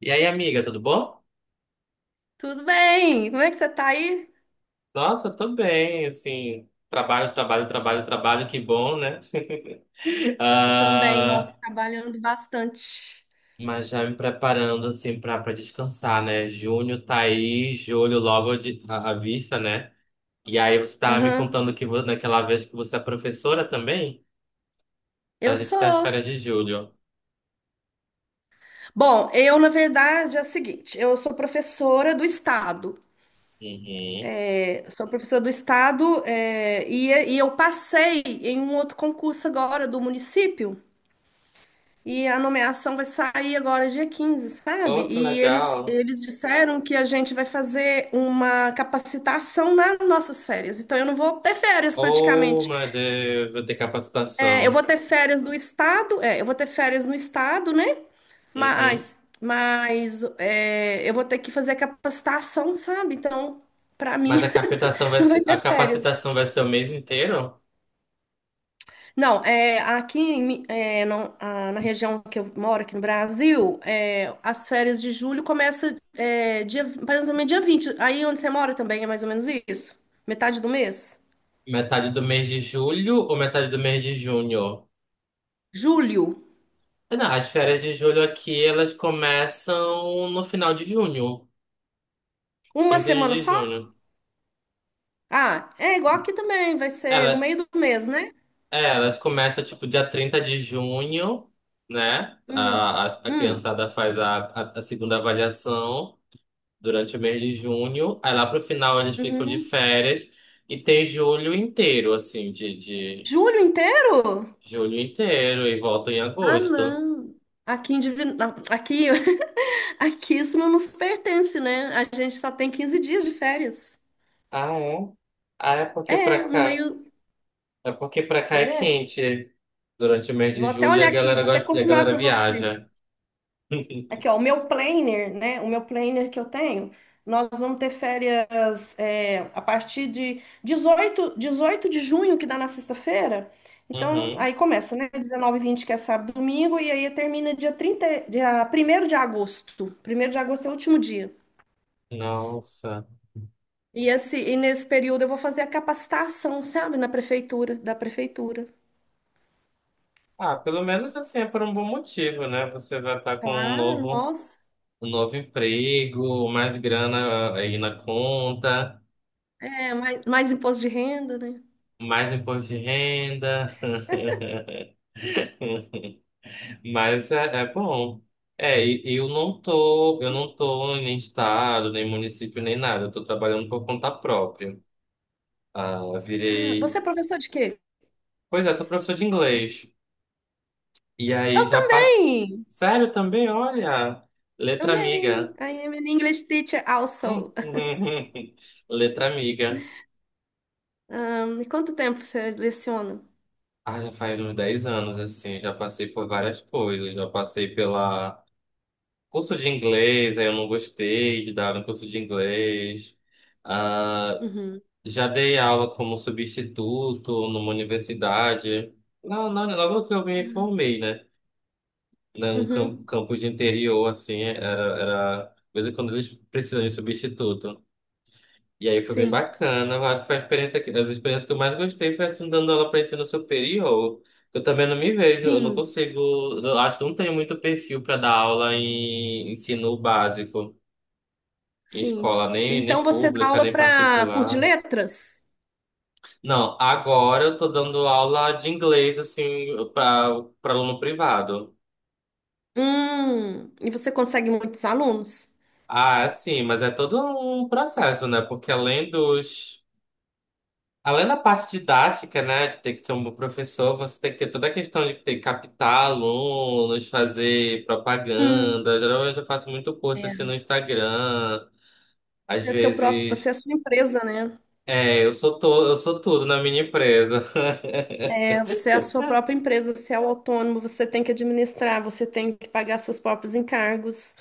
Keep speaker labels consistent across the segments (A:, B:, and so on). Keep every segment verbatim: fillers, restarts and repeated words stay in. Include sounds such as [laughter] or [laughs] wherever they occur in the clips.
A: E aí, amiga, tudo bom?
B: Tudo bem? Como é que você tá aí?
A: Nossa, tô bem, assim, trabalho, trabalho, trabalho, trabalho, que bom, né? [laughs]
B: Eu também, nossa,
A: Ah,
B: trabalhando bastante.
A: mas já me preparando, assim, pra, pra descansar, né? Junho tá aí, julho logo de, à, à vista, né? E aí você tava me
B: Aham.
A: contando que vo- naquela vez que você é professora também, então a
B: Eu
A: gente tá às
B: sou.
A: férias de julho.
B: Bom, eu, na verdade, é o seguinte: eu sou professora do Estado.
A: Uhum.
B: É, Sou professora do Estado, é, e, e eu passei em um outro concurso agora do município, e a nomeação vai sair agora dia quinze, sabe?
A: Oh, que
B: E eles,
A: legal!
B: eles disseram que a gente vai fazer uma capacitação nas nossas férias. Então, eu não vou ter férias
A: Oh,
B: praticamente.
A: meu Deus, vou ter
B: É, eu vou
A: capacitação.
B: ter férias no estado, é, eu vou ter férias no estado, né?
A: Uhum.
B: Mas, mas é, eu vou ter que fazer capacitação, sabe? Então, para
A: Mas a
B: mim,
A: captação
B: [laughs]
A: vai
B: não vai
A: ser, a
B: ter férias.
A: capacitação vai ser o mês inteiro?
B: Não, é, aqui em Mi- é, não- a- na região que eu moro, aqui no Brasil, é, as férias de julho começam é, dia, mais ou menos dia vinte. Aí onde você mora também é mais ou menos isso? Metade do mês?
A: Metade do mês de julho ou metade do mês de junho?
B: Julho.
A: Não, as férias de julho aqui, elas começam no final de junho,
B: Uma
A: quinze
B: semana
A: de
B: só?
A: junho.
B: Ah, é igual aqui também, vai ser no
A: Ela,
B: meio do mês, né?
A: é, elas começam, tipo, dia trinta de junho, né?
B: Hum,
A: A, a, a
B: hum,
A: criançada faz a, a, a segunda avaliação durante o mês de junho. Aí lá pro final eles ficam de
B: uhum.
A: férias e tem julho inteiro, assim, de, de
B: Julho inteiro?
A: Julho inteiro e volta em
B: Ah,
A: agosto.
B: não. Aqui em Divino... Aqui, [laughs] aqui isso não nos pertence, né? A gente só tem quinze dias de férias.
A: Ah, é? Ah, é porque
B: É,
A: pra
B: no
A: cá.
B: meio.
A: É porque pra cá
B: Quer
A: é
B: ver?
A: quente durante o mês
B: Eu
A: de
B: vou até
A: julho e a
B: olhar aqui,
A: galera
B: vou até
A: gosta, e a
B: confirmar
A: galera
B: para você.
A: viaja.
B: Aqui,
A: [laughs]
B: ó, o meu planner, né? O meu planner que eu tenho, nós vamos ter férias é, a partir de dezoito 18 de junho, que dá na sexta-feira. Então,
A: Uhum.
B: aí começa, né? Dezenove e vinte, que é sábado e domingo, e aí termina dia trinta, dia primeiro de agosto. Primeiro de agosto é o último dia.
A: Nossa.
B: E, esse, e nesse período eu vou fazer a capacitação, sabe? Na prefeitura, da prefeitura.
A: Ah, pelo menos assim é por um bom motivo, né? Você vai estar com um
B: Claro,
A: novo,
B: nossa.
A: um novo emprego, mais grana eh, aí na conta,
B: É, mais, mais imposto de renda, né?
A: mais imposto de renda. Mas é, é bom. É, e e eu não tô, eu não tô em nem estado, nem município, nem nada. Eu tô trabalhando por conta própria. Ah,
B: Ah, você é
A: virei.
B: professor de quê?
A: Pois é, sou professor de inglês. E aí
B: Eu
A: já passo.
B: também!
A: Sério também, olha. Letra
B: Também.
A: amiga.
B: I
A: [laughs]
B: am an English teacher
A: Hum,
B: also.
A: hum, hum, hum. Letra amiga.
B: Um, e quanto tempo você leciona?
A: Ah, já faz uns dez anos, assim. Já passei por várias coisas. Já passei pela curso de inglês, aí eu não gostei de dar um curso de inglês. Ah,
B: Uhum.
A: já dei aula como substituto numa universidade. Não, não, logo que eu me formei, né? Num cam-
B: Uhum.
A: campus de interior, assim, era, era... De vez em quando eles precisam de substituto. E aí foi bem
B: Sim,
A: bacana. Eu acho que foi a experiência que... As experiências que eu mais gostei foi, assim, dando aula para ensino superior. Eu também não me vejo, eu não
B: sim,
A: consigo... Eu acho que eu não tenho muito perfil para dar aula em ensino básico, em
B: sim.
A: escola, nem,
B: Então
A: nem
B: você dá
A: pública,
B: aula
A: nem
B: para curso de
A: particular.
B: letras?
A: Não, agora eu tô dando aula de inglês, assim, para para aluno privado.
B: Hum. E você consegue muitos alunos?
A: Ah, é sim, mas é todo um processo, né? Porque além dos. Além da parte didática, né, de ter que ser um bom professor, você tem que ter toda a questão de ter que captar alunos, fazer
B: Hum.
A: propaganda. Geralmente eu faço muito post
B: É.
A: assim no Instagram. Às
B: É seu próprio, você
A: vezes,
B: é a sua empresa, né?
A: é, eu sou to... eu sou tudo na minha empresa. [laughs]
B: É, você é a sua própria empresa, você é o autônomo, você tem que administrar, você tem que pagar seus próprios encargos.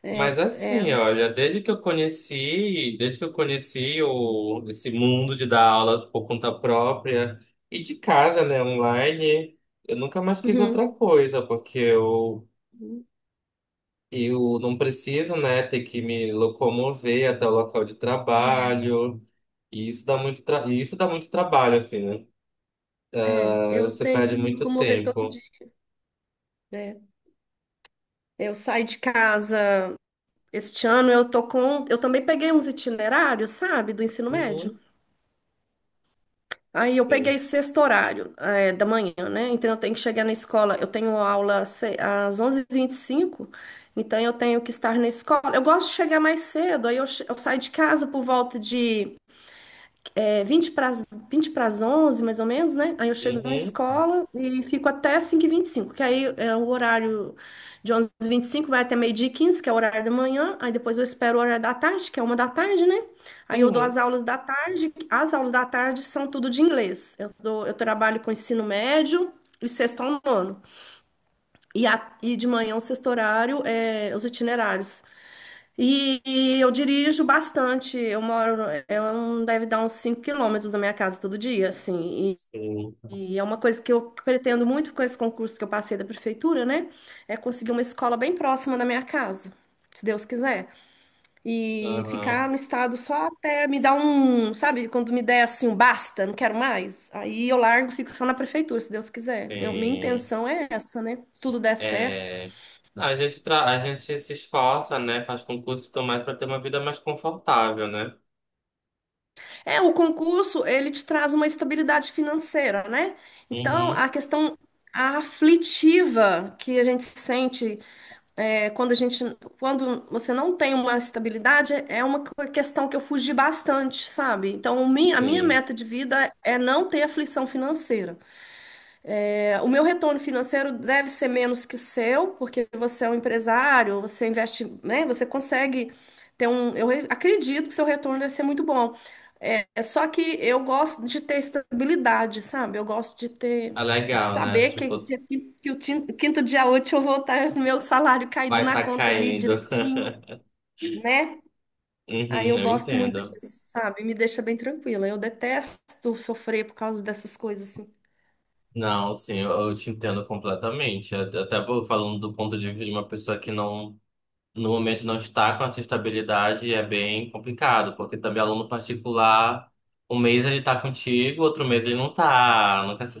B: É,
A: Mas
B: é.
A: assim, olha, desde que eu conheci, desde que eu conheci o, esse mundo de dar aula por conta própria e de casa, né, online, eu nunca mais quis outra
B: Uhum.
A: coisa, porque eu, eu não preciso, né, ter que me locomover até o local de
B: É,
A: trabalho, e isso dá muito, tra e isso dá muito trabalho, assim, né?
B: é. Eu
A: Você
B: tenho que
A: perde
B: me
A: muito
B: locomover todo
A: tempo.
B: dia. É. Eu saí de casa este ano, eu tô com, eu também peguei uns itinerários, sabe, do ensino médio.
A: Uhum,
B: Aí eu peguei
A: sim.
B: sexto horário, eh, da manhã, né? Então eu tenho que chegar na escola. Eu tenho aula se- às onze e vinte e cinco, então eu tenho que estar na escola. Eu gosto de chegar mais cedo, aí eu, che- eu saio de casa por volta de É 20 para, as- vinte para as onze mais ou menos, né? Aí eu chego na
A: Uhum,
B: escola e fico até cinco e vinte e cinco, que aí é o horário de onze e vinte e cinco, vai até meio-dia e quinze, que é o horário da manhã. Aí depois eu espero o horário da tarde, que é uma da tarde, né? Aí eu dou as
A: uhum,
B: aulas da tarde. As aulas da tarde são tudo de inglês. Eu dou, eu trabalho com ensino médio e sexto ao nono. E, a, e de manhã o sexto horário é os itinerários. E, e eu dirijo bastante. Eu moro, no- eu não deve dar uns cinco quilômetros da minha casa todo dia, assim.
A: sim.
B: E, e é uma coisa que eu pretendo muito com esse concurso que eu passei da prefeitura, né? É conseguir uma escola bem próxima da minha casa, se Deus quiser. E ficar
A: Aham,
B: no estado só até me dar um, sabe, quando me der assim um basta, não quero mais. Aí eu largo, fico só na prefeitura, se Deus quiser. Meu- minha
A: sim.
B: intenção é essa, né? Se tudo der certo.
A: É, a gente, tra... a gente se esforça, né? Faz concurso e tudo mais para ter uma vida mais confortável, né?
B: É, o concurso, ele te traz uma estabilidade financeira, né? Então,
A: Uhum,
B: a questão aflitiva que a gente sente é, quando a gente, quando você não tem uma estabilidade, é uma co- questão que eu fugi bastante, sabe? Então, o mi- a minha
A: sim.
B: meta de vida é não ter aflição financeira. É, o meu retorno financeiro deve ser menos que o seu, porque você é um empresário, você investe, né? Você consegue ter um. Eu acredito que seu retorno deve ser muito bom. É, é só que eu gosto de ter estabilidade, sabe? Eu gosto de ter,
A: É
B: de
A: legal, né?
B: saber que,
A: Tipo,
B: que, que o tin- quinto dia útil eu vou estar com o meu salário caído
A: vai
B: na
A: tá
B: conta ali
A: caindo. [laughs]
B: direitinho, né? Aí
A: Uhum,
B: eu
A: eu
B: gosto muito
A: entendo.
B: disso, sabe? Me deixa bem tranquila. Eu detesto sofrer por causa dessas coisas assim.
A: Não, sim, eu, eu te entendo completamente. Até até falando do ponto de vista de uma pessoa que não no momento não está com essa estabilidade é bem complicado, porque também aluno particular, um mês ele está contigo, outro mês ele não está, nunca se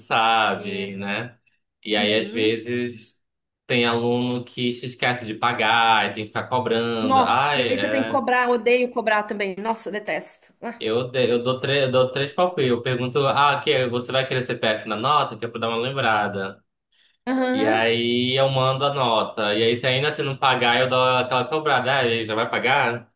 B: É.
A: sabe, né? E aí, às
B: Uhum.
A: vezes, tem aluno que se esquece de pagar, e tem que ficar cobrando.
B: Nossa,
A: Ah,
B: e aí você tem que
A: é.
B: cobrar, odeio cobrar também. Nossa, detesto. Ah.
A: Eu, de- eu dou, tre- eu dou três palpites. Eu pergunto, ah, que você vai querer C P F na nota? Que é pra dar uma lembrada. E
B: Aham.
A: aí eu mando a nota. E aí, se ainda assim não pagar, eu dou aquela cobrada. Ah, ele já vai pagar?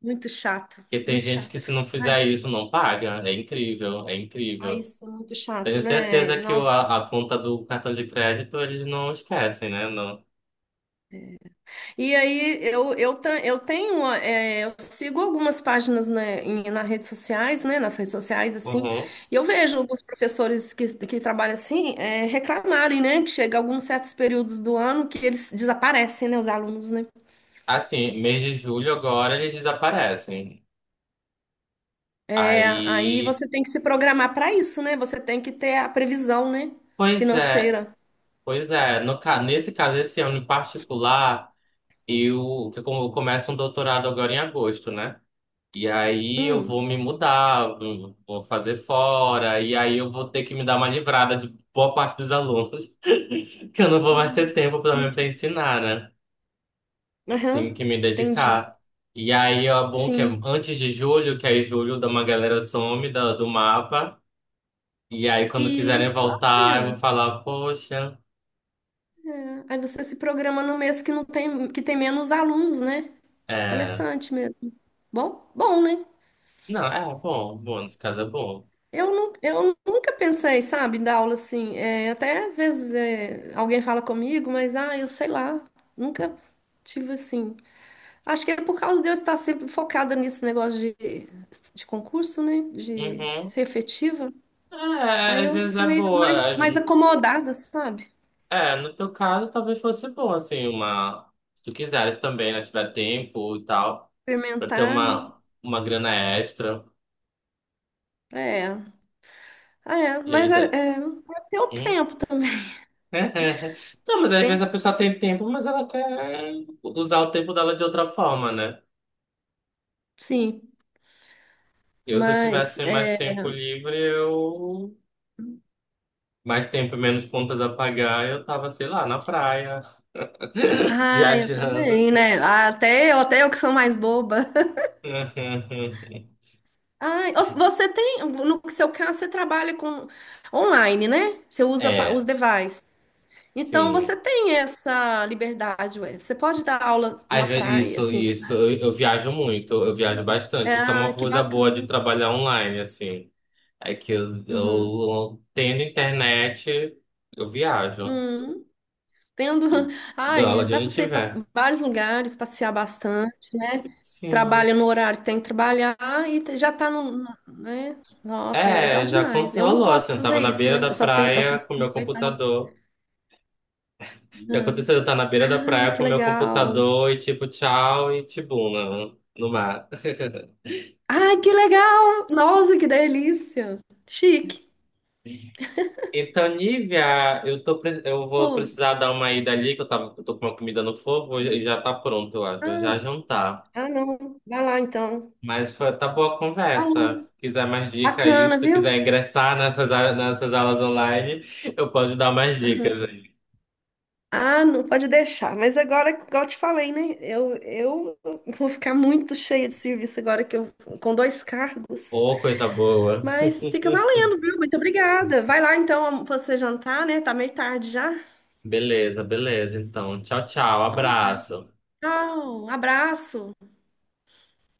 B: Muito chato,
A: Porque tem
B: muito
A: gente que se
B: chato.
A: não
B: Ai,
A: fizer isso não paga. É incrível, é
B: ai,
A: incrível.
B: isso é muito chato,
A: Tenho
B: né?
A: certeza que o,
B: Nossa.
A: a, a conta do cartão de crédito eles não esquecem, né? Não.
B: E aí eu, eu, ta- eu tenho, é, eu sigo algumas páginas, né, em, nas redes sociais, né? Nas redes sociais, assim,
A: Uhum.
B: e eu vejo alguns professores que, que trabalham assim, é, reclamarem, né? Que chega alguns certos períodos do ano que eles desaparecem, né? Os alunos, né?
A: Assim, mês de julho agora eles desaparecem.
B: É, aí
A: Aí,
B: você tem que se programar para isso, né? Você tem que ter a previsão, né?
A: pois é,
B: Financeira.
A: pois é. No, ca- nesse caso, esse ano em particular, eu, que eu começo um doutorado agora em agosto, né? E aí eu vou
B: Hum.
A: me mudar, vou vou fazer fora, e aí eu vou ter que me dar uma livrada de boa parte dos alunos, [laughs] que eu não vou mais ter tempo pelo menos para
B: Entendi.
A: ensinar, né? Tenho
B: Aham,
A: que me
B: entendi.
A: dedicar. E aí é bom que é
B: Sim.
A: antes de julho, que aí julho dá uma galera some da- do mapa, e aí quando quiserem
B: Isso,
A: voltar, eu
B: olha.
A: vou falar, poxa,
B: Aí você se programa no mês que não tem, que tem menos alunos, né?
A: é...
B: Interessante mesmo. Bom, bom, né?
A: Não, é bom, bom, nesse caso é bom.
B: Eu, não eu nunca pensei, sabe, em dar aula assim. É, até às vezes é, alguém fala comigo, mas ah, eu sei lá, nunca tive assim. Acho que é por causa de eu estar sempre focada nesse negócio de, de concurso, né? De
A: Uhum.
B: ser efetiva.
A: É,
B: Aí
A: às
B: eu
A: vezes
B: sou
A: é
B: meio
A: boa.
B: mais, mais acomodada, sabe?
A: É, no teu caso, talvez fosse bom, assim, uma. Se tu quiseres também, né? Tiver tempo e tal, pra ter
B: Experimentar, né?
A: uma, uma grana extra.
B: É. Ah, é.
A: E
B: Mas
A: aí.
B: é,
A: dá-
B: é, até o
A: Hum?
B: tempo também.
A: [laughs] Não, mas às vezes a
B: Tempo,
A: pessoa tem tempo, mas ela quer usar o tempo dela de outra forma, né?
B: sim.
A: Eu, se eu
B: Mas,
A: tivesse mais
B: é...
A: tempo livre, eu. Mais tempo e menos contas a pagar, eu tava, sei lá, na praia, [laughs]
B: Ah, eu
A: viajando.
B: também, né? Ah, até eu, até eu que sou mais boba. [laughs]
A: [laughs]
B: Ai, os- você tem... No seu caso, você trabalha com online, né? Você usa pa- os
A: É,
B: devices. Então você
A: sim.
B: tem essa liberdade, ué. Você pode dar aula numa
A: Às ve-
B: praia,
A: Isso,
B: assim, de.
A: isso. Eu, eu viajo muito, eu viajo bastante. Isso é uma
B: Ah, que
A: coisa boa de
B: bacana.
A: trabalhar online, assim. É que eu,
B: Uhum.
A: eu tendo internet, eu viajo.
B: Uhum. Tendo.
A: E
B: [laughs]
A: Dou aula
B: Ai,
A: de
B: dá para
A: onde
B: você ir pra
A: tiver.
B: vários lugares, passear bastante, né?
A: Sim.
B: Trabalha no horário que tem que trabalhar e te- já tá no. no- né? Nossa, é
A: É,
B: legal
A: já
B: demais.
A: aconteceu,
B: Eu não
A: rolou,
B: posso
A: assim. Eu tava
B: fazer
A: na
B: isso,
A: beira
B: né?
A: da
B: Eu só tenho. Eu
A: praia
B: posso
A: com meu
B: aproveitar.
A: computador. E
B: Ah.
A: aconteceu, eu tava na beira da
B: Ai,
A: praia
B: que
A: com meu
B: legal.
A: computador e tipo, tchau e tibuna no mar. [laughs]
B: Ai, que legal! Nossa, que delícia! Chique.
A: Então, Nívia, eu tô, pre- eu vou
B: Pô.
A: precisar dar uma ida ali, que eu, tava, eu tô com uma comida no fogo e já tá pronto, eu acho. Vou já
B: Ah.
A: jantar.
B: Ah, não. Vai lá então.
A: Mas foi, tá boa a
B: Falou.
A: conversa. Se quiser mais dica aí,
B: Bacana,
A: se tu
B: viu?
A: quiser ingressar nessas, a- nessas aulas online, eu posso te dar mais
B: Aham.
A: dicas aí.
B: Ah, não pode deixar. Mas agora, igual eu te falei, né? Eu, eu vou ficar muito cheia de serviço agora que eu com dois cargos.
A: Ô, coisa boa.
B: Mas fica valendo, viu? Muito obrigada. Vai lá então você jantar, né? Tá meio tarde já.
A: Beleza, beleza. Então, tchau, tchau.
B: Então tá.
A: Abraço.
B: Tchau, abraço.